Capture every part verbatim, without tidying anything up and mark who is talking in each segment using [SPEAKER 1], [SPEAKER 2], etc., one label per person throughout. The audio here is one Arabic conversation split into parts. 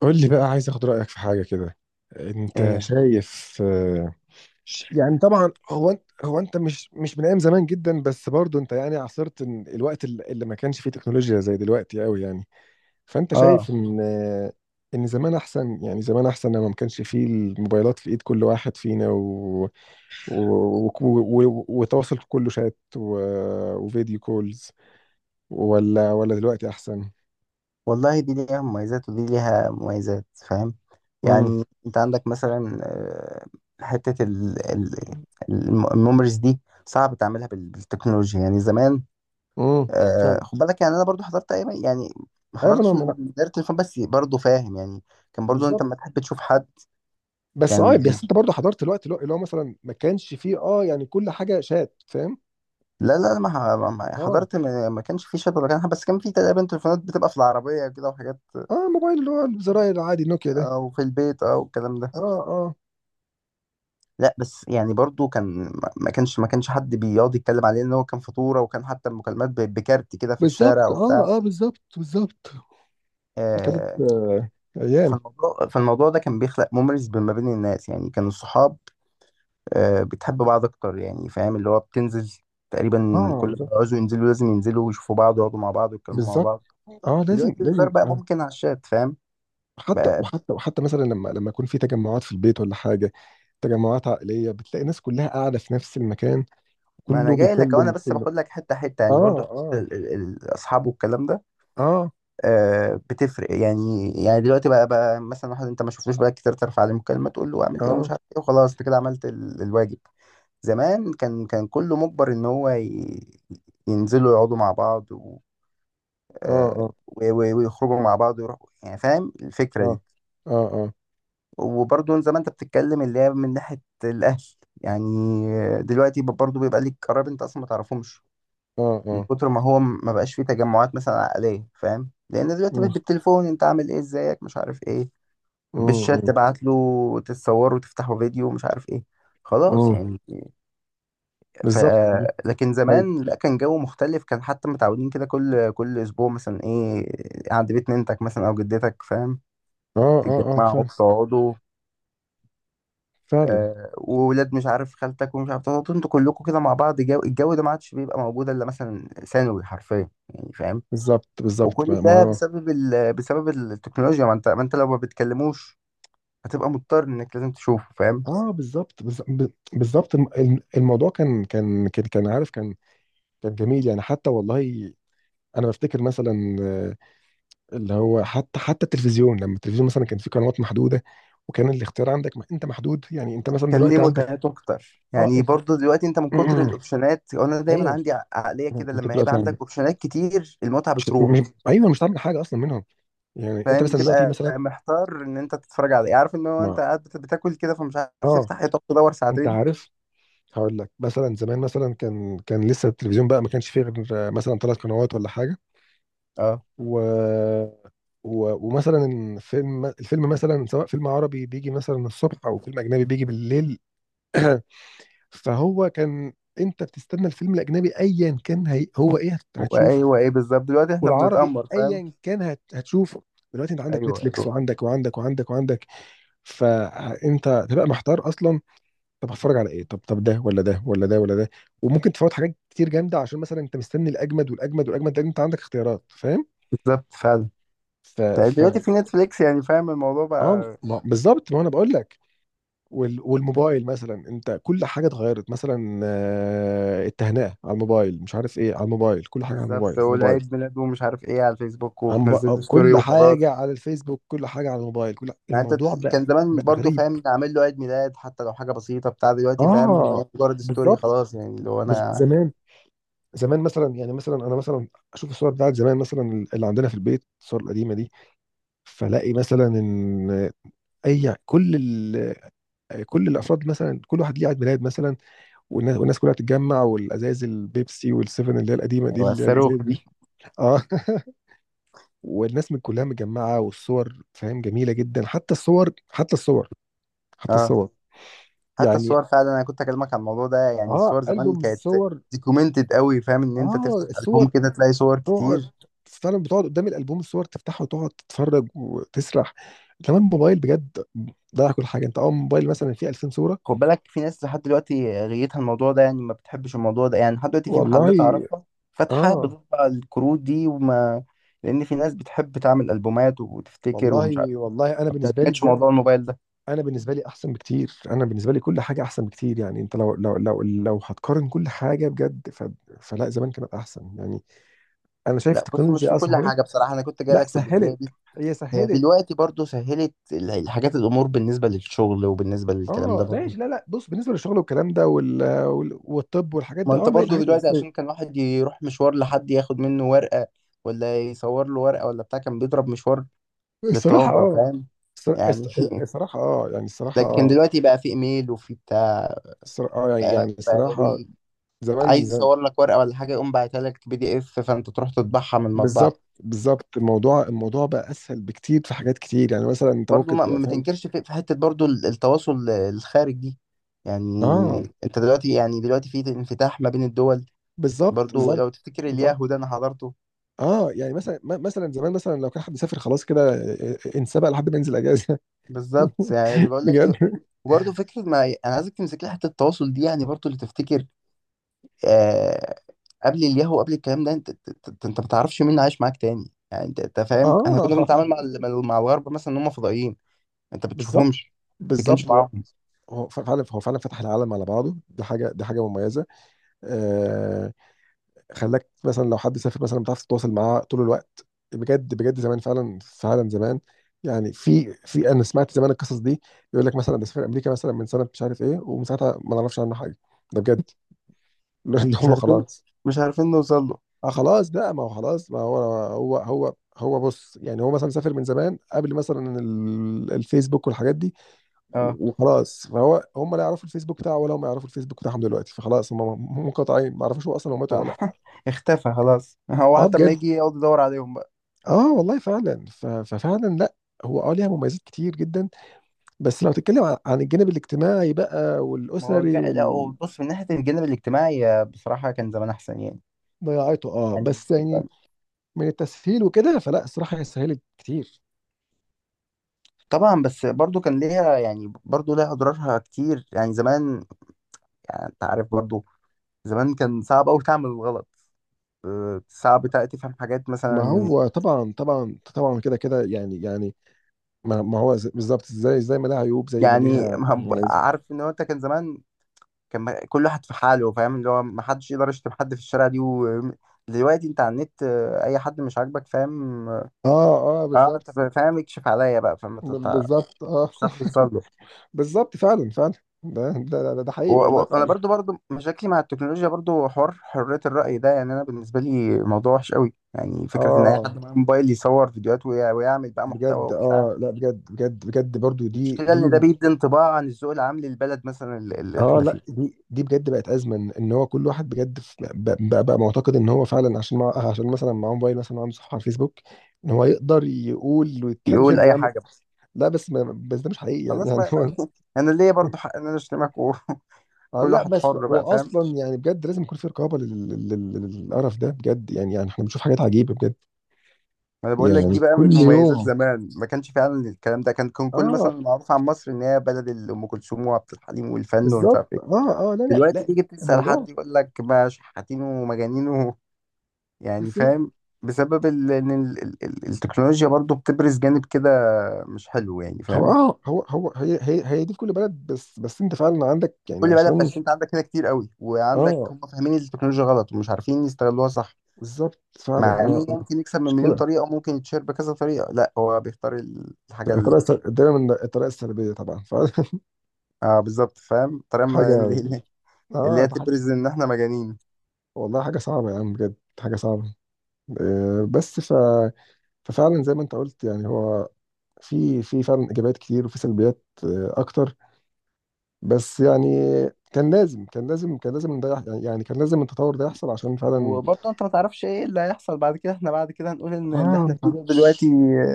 [SPEAKER 1] قول لي بقى، عايز اخد رأيك في حاجة كده. انت
[SPEAKER 2] ايه،
[SPEAKER 1] شايف آه، يعني طبعا هو انت هو انت مش مش من ايام زمان جدا، بس برضو انت يعني عاصرت إن الوقت الل- اللي ما كانش فيه تكنولوجيا زي دلوقتي قوي، يعني فانت
[SPEAKER 2] اه،
[SPEAKER 1] شايف ان آه، ان زمان احسن. يعني زمان احسن لما ما كانش فيه الموبايلات في ايد كل واحد فينا و... و- و- و- وتواصل كله شات و... وفيديو كولز، ولا ولا دلوقتي احسن؟
[SPEAKER 2] والله دي ليها مميزات ودي ليها مميزات، فاهم؟
[SPEAKER 1] امم
[SPEAKER 2] يعني انت عندك مثلا آه، حتة ال- ال- الم- الميموريز دي، صعب تعملها بال- بالتكنولوجيا يعني زمان.
[SPEAKER 1] امم فعلا.
[SPEAKER 2] آه، خد بالك، يعني انا برضو حضرت ايام يعني، ما
[SPEAKER 1] ايوه، ما انا
[SPEAKER 2] حضرتش
[SPEAKER 1] ما
[SPEAKER 2] من
[SPEAKER 1] أنا-
[SPEAKER 2] دايرة الفن بس برضو فاهم يعني. كان برضو انت
[SPEAKER 1] بالظبط.
[SPEAKER 2] لما تحب تشوف حد
[SPEAKER 1] بس اه،
[SPEAKER 2] كان.
[SPEAKER 1] بس انت برضه حضرت الوقت اللي هو اللي هو مثلا ما كانش فيه، اه يعني، كل حاجه شات، فاهم.
[SPEAKER 2] لا لا، ما ح- ما- ما-
[SPEAKER 1] اه
[SPEAKER 2] حضرت، ما ما كانش في شات ولا كان حاجة، بس كان في تقريبا تليفونات بتبقى في العربية كده وحاجات،
[SPEAKER 1] اه، موبايل اللي هو الزراير العادي نوكيا ده.
[SPEAKER 2] او في البيت او الكلام ده.
[SPEAKER 1] اه اه
[SPEAKER 2] لا بس يعني برضو كان ما كانش ما كانش حد بيقعد يتكلم عليه ان هو كان فطوره، وكان حتى المكالمات ب- بكارت كده في الشارع
[SPEAKER 1] بالظبط،
[SPEAKER 2] وبتاع.
[SPEAKER 1] اه اه بالظبط بالظبط. كانت
[SPEAKER 2] آه،
[SPEAKER 1] آه، ايام.
[SPEAKER 2] فالموضوع فالموضوع ده كان بيخلق مميز ما بين الناس، يعني كان الصحاب آه، بتحب بعض اكتر، يعني فاهم اللي هو بتنزل تقريبا
[SPEAKER 1] اه
[SPEAKER 2] كل ما
[SPEAKER 1] بالظبط
[SPEAKER 2] يعوزوا ينزلوا لازم ينزلوا ويشوفوا بعض ويقعدوا مع بعض ويتكلموا مع
[SPEAKER 1] بالظبط،
[SPEAKER 2] بعض.
[SPEAKER 1] اه لازم
[SPEAKER 2] دلوقتي الهزار
[SPEAKER 1] لازم
[SPEAKER 2] بقى
[SPEAKER 1] آه.
[SPEAKER 2] ممكن على الشات، فاهم؟
[SPEAKER 1] حتى
[SPEAKER 2] بقى-
[SPEAKER 1] وحتى وحتى مثلا لما لما يكون في تجمعات في البيت ولا حاجه، تجمعات عائليه، بتلاقي ناس كلها قاعده في نفس المكان،
[SPEAKER 2] ما انا
[SPEAKER 1] كله
[SPEAKER 2] جاي لك،
[SPEAKER 1] بيكلم
[SPEAKER 2] وانا بس
[SPEAKER 1] كله.
[SPEAKER 2] باخد لك حته حته،
[SPEAKER 1] اه
[SPEAKER 2] يعني برضو
[SPEAKER 1] اه
[SPEAKER 2] ال- ال- ال- الاصحاب والكلام ده
[SPEAKER 1] اه
[SPEAKER 2] آه، بتفرق، يعني يعني دلوقتي بقى بقى مثلا واحد انت ما شفتوش بقالك كتير، ترفع عليه مكالمه تقول له اعمل ايه ومش
[SPEAKER 1] اه
[SPEAKER 2] عارف ايه، وخلاص انت كده عملت ال- الواجب. زمان كان كان كله مجبر ان هو ي- ينزلوا يقعدوا مع بعض و... آه،
[SPEAKER 1] اه
[SPEAKER 2] و- و- ويخرجوا مع بعض ويروحوا يعني، فاهم
[SPEAKER 1] اه
[SPEAKER 2] الفكره دي.
[SPEAKER 1] اه اه
[SPEAKER 2] وبرضه زي ما انت بتتكلم، اللي هي من ناحيه الاهل يعني، دلوقتي برضه بيبقى ليك قرايب انت اصلا ما تعرفهمش،
[SPEAKER 1] اه
[SPEAKER 2] من
[SPEAKER 1] اه.
[SPEAKER 2] كتر ما هو ما بقاش فيه تجمعات مثلا عائليه، فاهم؟ لان دلوقتي بقت
[SPEAKER 1] مم.
[SPEAKER 2] بالتليفون، انت عامل ايه، ازيك، مش عارف ايه، بالشات
[SPEAKER 1] مم.
[SPEAKER 2] تبعت له، تتصور وتفتحوا فيديو، مش عارف ايه، خلاص
[SPEAKER 1] مم.
[SPEAKER 2] يعني. ف...
[SPEAKER 1] بالظبط.
[SPEAKER 2] لكن
[SPEAKER 1] هاي.
[SPEAKER 2] زمان لا، كان جو مختلف، كان حتى متعودين كده كل كل اسبوع مثلا ايه، عند بيت ننتك مثلا او جدتك، فاهم؟
[SPEAKER 1] اه اه اه
[SPEAKER 2] تتجمعوا
[SPEAKER 1] فعلا.
[SPEAKER 2] تقعدوا،
[SPEAKER 1] فعلا
[SPEAKER 2] آه وولاد مش عارف خالتك ومش عارف، تقعدوا انتوا كلكم كده مع بعض، جو الجو ده ما عادش بيبقى موجود الا مثلا ثانوي حرفيا يعني، فاهم؟
[SPEAKER 1] بالظبط. بالظبط
[SPEAKER 2] وكل
[SPEAKER 1] ما ما
[SPEAKER 2] ده
[SPEAKER 1] هو-
[SPEAKER 2] بسبب ال... بسبب التكنولوجيا. ما انت ما انت لو ما بتكلموش هتبقى مضطر انك لازم تشوفه، فاهم؟
[SPEAKER 1] اه بالظبط بالظ- ب- بالظبط، الم- الم- الموضوع كان كان كان كان عارف، كان كان جميل يعني حتى والله. انا بفتكر مثلا آه، اللي هو حتى حتى التلفزيون، لما التلفزيون مثلا كان فيه قنوات محدوده، وكان الاختيار عندك ما انت محدود، يعني انت مثلا
[SPEAKER 2] كان ليه
[SPEAKER 1] دلوقتي عندك.
[SPEAKER 2] متعته اكتر
[SPEAKER 1] اه
[SPEAKER 2] يعني.
[SPEAKER 1] انت
[SPEAKER 2] برضو دلوقتي انت من كتر الاوبشنات، انا دايما
[SPEAKER 1] ايوه،
[SPEAKER 2] عندي ع- عقليه كده،
[SPEAKER 1] انت
[SPEAKER 2] لما يبقى
[SPEAKER 1] دلوقتي
[SPEAKER 2] عندك
[SPEAKER 1] عندك
[SPEAKER 2] اوبشنات كتير المتعه
[SPEAKER 1] مش...
[SPEAKER 2] بتروح،
[SPEAKER 1] مش- ايوه، مش هتعمل حاجه اصلا منهم. يعني انت
[SPEAKER 2] فاهم؟
[SPEAKER 1] مثلا دلوقتي
[SPEAKER 2] بتبقى
[SPEAKER 1] مثلا
[SPEAKER 2] محتار ان انت تتفرج على ايه، عارف ان هو
[SPEAKER 1] ما،
[SPEAKER 2] انت قاعد بت- بتاكل كده فمش عارف
[SPEAKER 1] اه
[SPEAKER 2] تفتح ايه، تقعد تدور
[SPEAKER 1] انت
[SPEAKER 2] ساعتين.
[SPEAKER 1] عارف. هقول لك مثلا، زمان مثلا كان كان لسه التلفزيون بقى، ما كانش فيه غير مثلا ثلاث قنوات ولا حاجه،
[SPEAKER 2] اه،
[SPEAKER 1] و... و... ومثلا الفيلم الفيلم مثلا سواء فيلم عربي بيجي مثلا الصبح، او فيلم اجنبي بيجي بالليل، فهو كان، انت بتستنى الفيلم الاجنبي ايا كان هي... هو ايه هت- هتشوفه،
[SPEAKER 2] وايوه، ايه بالظبط، دلوقتي احنا
[SPEAKER 1] والعربي
[SPEAKER 2] بنتامر، فاهم؟
[SPEAKER 1] ايا كان هت... هتشوفه. دلوقتي انت عندك
[SPEAKER 2] ايوه
[SPEAKER 1] نتفليكس
[SPEAKER 2] ايوه،
[SPEAKER 1] وعندك وعندك وعندك وعندك، فانت تبقى محتار اصلا. طب هتفرج على ايه؟ طب طب ده ولا ده ولا ده ولا ده؟ وممكن تفوت حاجات كتير جامده، عشان مثلا انت مستني الاجمد والاجمد والاجمد، لان انت عندك اختيارات، فاهم.
[SPEAKER 2] بالظبط، فعلا.
[SPEAKER 1] ف
[SPEAKER 2] طيب
[SPEAKER 1] ف
[SPEAKER 2] دلوقتي في نتفليكس يعني، فاهم الموضوع
[SPEAKER 1] اه
[SPEAKER 2] بقى.
[SPEAKER 1] ما- بالظبط، ما انا بقول لك. وال... والموبايل مثلا، انت كل حاجه اتغيرت، مثلا آه، التهنئه على الموبايل، مش عارف ايه على الموبايل، كل حاجه على الموبايل،
[SPEAKER 2] بالظبط،
[SPEAKER 1] على الموبايل
[SPEAKER 2] والعيد ميلاد ومش عارف ايه على الفيسبوك،
[SPEAKER 1] على الموب-
[SPEAKER 2] وتنزل له
[SPEAKER 1] آه،
[SPEAKER 2] ستوري
[SPEAKER 1] كل
[SPEAKER 2] وخلاص.
[SPEAKER 1] حاجه على الفيسبوك، كل حاجه على الموبايل، كل
[SPEAKER 2] يعني انت،
[SPEAKER 1] الموضوع بقى،
[SPEAKER 2] كان زمان
[SPEAKER 1] بقى
[SPEAKER 2] برضو،
[SPEAKER 1] غريب.
[SPEAKER 2] فاهم، نعمل له عيد ميلاد حتى لو حاجه بسيطه بتاع. دلوقتي فاهم وهي
[SPEAKER 1] اه
[SPEAKER 2] مجرد ستوري
[SPEAKER 1] بالظبط.
[SPEAKER 2] خلاص، يعني اللي هو
[SPEAKER 1] بز-
[SPEAKER 2] انا.
[SPEAKER 1] زمان، زمان مثلا، يعني مثلا انا مثلا اشوف الصور بتاعت زمان، مثلا اللي عندنا في البيت الصور القديمه دي، فلاقي مثلا ان اي كل ال... كل الافراد مثلا كل واحد ليه عيد ميلاد مثلا، والناس, والناس كلها تتجمع، والازايز البيبسي والسيفن اللي هي القديمه دي،
[SPEAKER 2] ايوه
[SPEAKER 1] اللي هي
[SPEAKER 2] الصاروخ
[SPEAKER 1] الازايز دي.
[SPEAKER 2] دي.
[SPEAKER 1] اه والناس من كلها متجمعه، والصور فاهم جميله جدا. حتى الصور، حتى الصور، حتى
[SPEAKER 2] اه،
[SPEAKER 1] الصور
[SPEAKER 2] حتى
[SPEAKER 1] يعني.
[SPEAKER 2] الصور فعلا، انا كنت اكلمك عن الموضوع ده، يعني
[SPEAKER 1] اه
[SPEAKER 2] الصور زمان
[SPEAKER 1] البوم
[SPEAKER 2] كانت
[SPEAKER 1] الصور.
[SPEAKER 2] ديكومنتد قوي، فاهم ان انت
[SPEAKER 1] اه
[SPEAKER 2] تفتح البوم
[SPEAKER 1] الصور،
[SPEAKER 2] كده تلاقي صور
[SPEAKER 1] تقعد،
[SPEAKER 2] كتير.
[SPEAKER 1] فعلا بتقعد قدام الالبوم الصور تفتحه وتقعد تتفرج وتسرح. كمان موبايل بجد ضيع كل حاجه، انت اه موبايل مثلا فيه ألفين صوره.
[SPEAKER 2] خد بالك، في ناس لحد دلوقتي غيتها الموضوع ده يعني، ما بتحبش الموضوع ده يعني، لحد دلوقتي في
[SPEAKER 1] والله
[SPEAKER 2] محلات اعرفها فاتحه
[SPEAKER 1] اه،
[SPEAKER 2] بتطبع الكروت دي، وما، لان في ناس بتحب تعمل البومات وتفتكر ومش عارف،
[SPEAKER 1] والله والله انا
[SPEAKER 2] ما
[SPEAKER 1] بالنسبه لي
[SPEAKER 2] بتعتمدش موضوع
[SPEAKER 1] بجد،
[SPEAKER 2] الموبايل ده.
[SPEAKER 1] انا بالنسبه لي احسن بكتير، انا بالنسبه لي كل حاجه احسن بكتير. يعني انت لو لو لو لو هتقارن كل حاجه بجد، ف... فلا، زمان كانت احسن يعني. انا شايف
[SPEAKER 2] لا بص، مش
[SPEAKER 1] التكنولوجيا
[SPEAKER 2] في
[SPEAKER 1] اه
[SPEAKER 2] كل
[SPEAKER 1] سهلت،
[SPEAKER 2] حاجه بصراحه، انا كنت جاي
[SPEAKER 1] لا
[SPEAKER 2] لك في الجزئيه
[SPEAKER 1] سهلت،
[SPEAKER 2] دي.
[SPEAKER 1] هي
[SPEAKER 2] هي
[SPEAKER 1] سهلت.
[SPEAKER 2] دلوقتي برضو سهلت ال- الحاجات، الامور بالنسبه للشغل وبالنسبه للكلام ده
[SPEAKER 1] اه
[SPEAKER 2] برضو.
[SPEAKER 1] ماشي، لا لا، بص، بالنسبه للشغل والكلام ده، وال... وال... والطب والحاجات
[SPEAKER 2] ما
[SPEAKER 1] دي
[SPEAKER 2] انت
[SPEAKER 1] اه، ما هي
[SPEAKER 2] برضو
[SPEAKER 1] الحاجات
[SPEAKER 2] دلوقتي، عشان
[SPEAKER 1] الاساسيه.
[SPEAKER 2] كان واحد يروح مشوار لحد ياخد منه ورقه، ولا يصور له ورقه ولا بتاع، كان بيضرب مشوار
[SPEAKER 1] الصراحة
[SPEAKER 2] للطوابره،
[SPEAKER 1] اه،
[SPEAKER 2] فاهم
[SPEAKER 1] الصرا-
[SPEAKER 2] يعني.
[SPEAKER 1] الص- الصراحة اه، يعني الصراحة
[SPEAKER 2] لكن
[SPEAKER 1] اه،
[SPEAKER 2] دلوقتي بقى في ايميل وفي بتاع،
[SPEAKER 1] الصرا- اه يعني
[SPEAKER 2] بقى,
[SPEAKER 1] يعني
[SPEAKER 2] بقى
[SPEAKER 1] الصراحة، زمان
[SPEAKER 2] عايز
[SPEAKER 1] ز-
[SPEAKER 2] يصور لك ورقه ولا حاجه، يقوم باعتها لك بي دي اف، فانت تروح تطبعها من المطبعه.
[SPEAKER 1] بالظبط بالظبط. الموضوع الموضوع بقى اسهل بكتير في حاجات كتير، يعني مثلا انت
[SPEAKER 2] برضو
[SPEAKER 1] ممكن
[SPEAKER 2] ما,
[SPEAKER 1] تبقى
[SPEAKER 2] ما
[SPEAKER 1] فاهم.
[SPEAKER 2] تنكرش في, في حتة برضو ال- التواصل ال- الخارج دي يعني.
[SPEAKER 1] اه
[SPEAKER 2] انت دلوقتي يعني دلوقتي في انفتاح ما بين الدول.
[SPEAKER 1] بالظبط
[SPEAKER 2] برضو
[SPEAKER 1] بالظبط
[SPEAKER 2] لو تفتكر
[SPEAKER 1] بالظبط.
[SPEAKER 2] الياهو ده انا حضرته.
[SPEAKER 1] اه يعني مثلا م- مثلا زمان مثلا لو كان حد سافر، خلاص كده ا- ا- انسبق لحد ما ينزل اجازة.
[SPEAKER 2] بالظبط يعني بقول
[SPEAKER 1] بجد.
[SPEAKER 2] لك. وبرضه فكرة، ما أنا عايزك تمسك لي حتة التواصل دي، يعني برضه اللي تفتكر آه قبل الياهو، قبل الكلام ده، أنت أنت أنت ما تعرفش مين عايش معاك تاني. يعني أنت أنت فاهم، إحنا
[SPEAKER 1] اه
[SPEAKER 2] كنا بنتعامل مع ال- مع الغرب مثلا إن هم فضائيين. أنت
[SPEAKER 1] بالظبط
[SPEAKER 2] بتشوفهمش، ما بتتكلمش
[SPEAKER 1] بالظبط. هو
[SPEAKER 2] معاهم،
[SPEAKER 1] هو ف- فعلا، هو فعلا فتح العالم على بعضه، دي حاجه، دي حاجه مميزه. آه. خلاك مثلا لو حد سافر مثلا بتعرف تتواصل معاه طول الوقت. بجد بجد، زمان فعلا، فعلا زمان. يعني في في انا سمعت زمان القصص دي، يقول لك مثلا ده سافر امريكا مثلا من سنه مش عارف ايه، ومن ساعتها ما نعرفش عنه حاجه. ده بجد اللي
[SPEAKER 2] مش
[SPEAKER 1] هو
[SPEAKER 2] عارفين
[SPEAKER 1] خلاص.
[SPEAKER 2] مش عارفين نوصل له.
[SPEAKER 1] اه خلاص بقى، ما هو خلاص، ما هو هو هو هو بص، يعني هو مثلا سافر من زمان قبل مثلا ال- الفيسبوك والحاجات دي،
[SPEAKER 2] اه.
[SPEAKER 1] وخلاص، فهو هم لا يعرفوا الفيسبوك بتاعه ولا هم يعرفوا الفيسبوك بتاعهم دلوقتي، فخلاص هم م- منقطعين، ما يعرفوش هو اصلا هو مات ولا لا.
[SPEAKER 2] اختفى خلاص، هو
[SPEAKER 1] اه
[SPEAKER 2] حتى لما
[SPEAKER 1] بجد،
[SPEAKER 2] يجي يقعد يدور عليهم بقى.
[SPEAKER 1] اه والله فعلا، ف- ففعلا لا، هو اه ليها مميزات كتير جدا، بس لو تتكلم عن عن الجانب الاجتماعي بقى
[SPEAKER 2] ما هو جا...
[SPEAKER 1] والاسري
[SPEAKER 2] لا هو
[SPEAKER 1] وال-
[SPEAKER 2] بص، من ناحية الجانب الاجتماعي آه، بصراحة كان زمان أحسن يعني
[SPEAKER 1] ضياعته اه. بس يعني
[SPEAKER 2] يعني
[SPEAKER 1] من التسهيل وكده، فلا الصراحه هي سهلت كتير.
[SPEAKER 2] طبعا بس برضو كان ليها، يعني برضو ليها أضرارها كتير يعني زمان. يعني أنت عارف برضو، زمان كان صعب أوي تعمل الغلط. آه، صعب تع- تفهم حاجات
[SPEAKER 1] ما
[SPEAKER 2] مثلا،
[SPEAKER 1] هو طبعا طبعا طبعا، كده كده يعني يعني، ما, ما هو ز- بالظبط، زي زي ما لها عيوب زي ما
[SPEAKER 2] يعني
[SPEAKER 1] ليها
[SPEAKER 2] ما-
[SPEAKER 1] مميزات.
[SPEAKER 2] عارف إن هو أنت كان زمان، كان ما- كل واحد في حاله، فاهم اللي هو ما حدش يقدر يشتم حد في الشارع دي و... دلوقتي أنت على النت آه، أي حد مش عاجبك، فاهم؟
[SPEAKER 1] اه اه
[SPEAKER 2] اه،
[SPEAKER 1] بالظبط
[SPEAKER 2] انت فاهم، يكشف عليا بقى، فما تت-
[SPEAKER 1] بالظبط. اه
[SPEAKER 2] مش عارف توصل له.
[SPEAKER 1] بالظبط فعلا فعلا. ده ده ده, ده
[SPEAKER 2] و-
[SPEAKER 1] حقيقي والله
[SPEAKER 2] و- وانا
[SPEAKER 1] فعلا.
[SPEAKER 2] برضو برضو مشاكلي مع التكنولوجيا، برضو حوار حرية الرأي ده، يعني انا بالنسبة لي موضوع وحش قوي، يعني فكرة ان اي
[SPEAKER 1] اه
[SPEAKER 2] حد معاه موبايل يصور فيديوهات ويع- ويعمل بقى محتوى
[SPEAKER 1] بجد،
[SPEAKER 2] وبتاع.
[SPEAKER 1] اه لا بجد بجد بجد برضو، دي
[SPEAKER 2] المشكلة ان
[SPEAKER 1] دي
[SPEAKER 2] ده بيدي انطباع عن الذوق العام للبلد مثلا، اللي اللي
[SPEAKER 1] اه
[SPEAKER 2] احنا فيه،
[SPEAKER 1] لا، دي دي بجد بقت ازمه، ان إن هو كل واحد بجد في- بقى, بقى, بقى معتقد ان هو فعلا، عشان مع عشان مثلا معاه موبايل مثلا وعنده صفحه على الفيسبوك، ان هو يقدر يقول
[SPEAKER 2] يقول
[SPEAKER 1] ويتكلم
[SPEAKER 2] اي
[SPEAKER 1] ويعمل.
[SPEAKER 2] حاجة بقى،
[SPEAKER 1] لا بس ما بس ده مش حقيقي يعني،
[SPEAKER 2] خلاص،
[SPEAKER 1] يعني
[SPEAKER 2] ما ما-
[SPEAKER 1] هو،
[SPEAKER 2] انا ليا برضو حق ان انا اشتمك وكل.
[SPEAKER 1] آه لا،
[SPEAKER 2] واحد
[SPEAKER 1] بس
[SPEAKER 2] حر
[SPEAKER 1] هو
[SPEAKER 2] بقى، فاهم.
[SPEAKER 1] اصلا يعني بجد لازم يكون في رقابه لل- لل- لل- للقرف ده بجد، يعني يعني احنا بنشوف حاجات عجيبه بجد
[SPEAKER 2] ما انا بقول لك،
[SPEAKER 1] يعني
[SPEAKER 2] دي بقى من
[SPEAKER 1] كل
[SPEAKER 2] مميزات
[SPEAKER 1] يوم.
[SPEAKER 2] زمان ما كانش فعلا الكلام ده، كان كان كل
[SPEAKER 1] اه
[SPEAKER 2] مثلا معروف عن مصر ان هي بلد ال- ام كلثوم وعبد الحليم والفن ومش
[SPEAKER 1] بالظبط
[SPEAKER 2] عارف ايه.
[SPEAKER 1] اه اه لا لا
[SPEAKER 2] دلوقتي
[SPEAKER 1] لا
[SPEAKER 2] تيجي تسال
[SPEAKER 1] الموضوع.
[SPEAKER 2] حد يقول لك ما شحاتين ومجانين و- يعني
[SPEAKER 1] بالظبط.
[SPEAKER 2] فاهم، بسبب ال- ان ال- ال- ال- التكنولوجيا برضو بتبرز جانب كده، مش حلو يعني،
[SPEAKER 1] هو
[SPEAKER 2] فاهم.
[SPEAKER 1] اه هو هو هي هي هي دي في كل بلد، بس بس انت فعلا عندك، يعني
[SPEAKER 2] كل بلد،
[SPEAKER 1] عشان،
[SPEAKER 2] بس انت عندك كده كتير قوي، وعندك
[SPEAKER 1] اه
[SPEAKER 2] هم فاهمين التكنولوجيا غلط ومش عارفين يستغلوها صح.
[SPEAKER 1] بالظبط فعلا
[SPEAKER 2] مع
[SPEAKER 1] اه
[SPEAKER 2] انه
[SPEAKER 1] اه.
[SPEAKER 2] ممكن يكسب من مليون
[SPEAKER 1] مشكلة،
[SPEAKER 2] طريقه، وممكن يتشير بكذا طريقه، لا هو بيختار ال- الحاجه ال-
[SPEAKER 1] الطريقة السل- دايما الطريقة السلبية طبعا.
[SPEAKER 2] اه، بالظبط فاهم، الطريقه
[SPEAKER 1] فحاجة
[SPEAKER 2] اللي
[SPEAKER 1] اه
[SPEAKER 2] هي
[SPEAKER 1] ده حاجة.
[SPEAKER 2] تبرز ان احنا مجانين.
[SPEAKER 1] والله حاجة صعبة يا عم بجد، حاجة صعبة. آه بس ف... ففعلا زي ما انت قلت، يعني هو في في فعلا ايجابيات كتير وفي سلبيات آه اكتر، بس يعني كان لازم، كان لازم، كان لازم ده يح- يعني يعني كان لازم التطور ده يحصل عشان فعلا.
[SPEAKER 2] وبرضه انت ما تعرفش ايه اللي هيحصل بعد كده، احنا بعد كده هنقول ان
[SPEAKER 1] اه
[SPEAKER 2] اللي احنا
[SPEAKER 1] ما
[SPEAKER 2] فيه ده دلوقتي
[SPEAKER 1] تعرفش،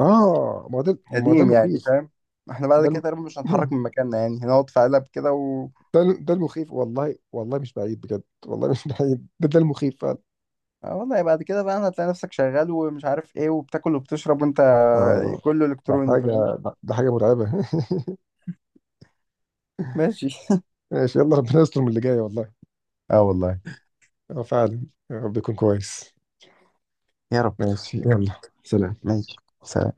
[SPEAKER 1] اه ما هو ده، ما هو ده
[SPEAKER 2] قديم يعني،
[SPEAKER 1] المخيف.
[SPEAKER 2] فاهم. احنا بعد
[SPEAKER 1] ده
[SPEAKER 2] كده
[SPEAKER 1] الم...
[SPEAKER 2] تقريبا مش هنتحرك من مكاننا يعني، هنقعد في قلب كده و
[SPEAKER 1] ده ده المخيف والله، والله مش بعيد بجد، والله مش بعيد، ده ده المخيف فعلا.
[SPEAKER 2] آه والله، بعد كده بقى هتلاقي نفسك شغال ومش عارف ايه، وبتاكل وبتشرب وانت
[SPEAKER 1] اه
[SPEAKER 2] كله
[SPEAKER 1] ده
[SPEAKER 2] الكتروني،
[SPEAKER 1] حاجة،
[SPEAKER 2] فاهم.
[SPEAKER 1] ده ده حاجة مرعبة.
[SPEAKER 2] ماشي.
[SPEAKER 1] ماشي، يلا ربنا يستر من اللي جاي والله.
[SPEAKER 2] اه والله.
[SPEAKER 1] اه فعلا، يا رب يكون كويس.
[SPEAKER 2] يا رب.
[SPEAKER 1] ماشي، يلا سلام.
[SPEAKER 2] ماشي سلام.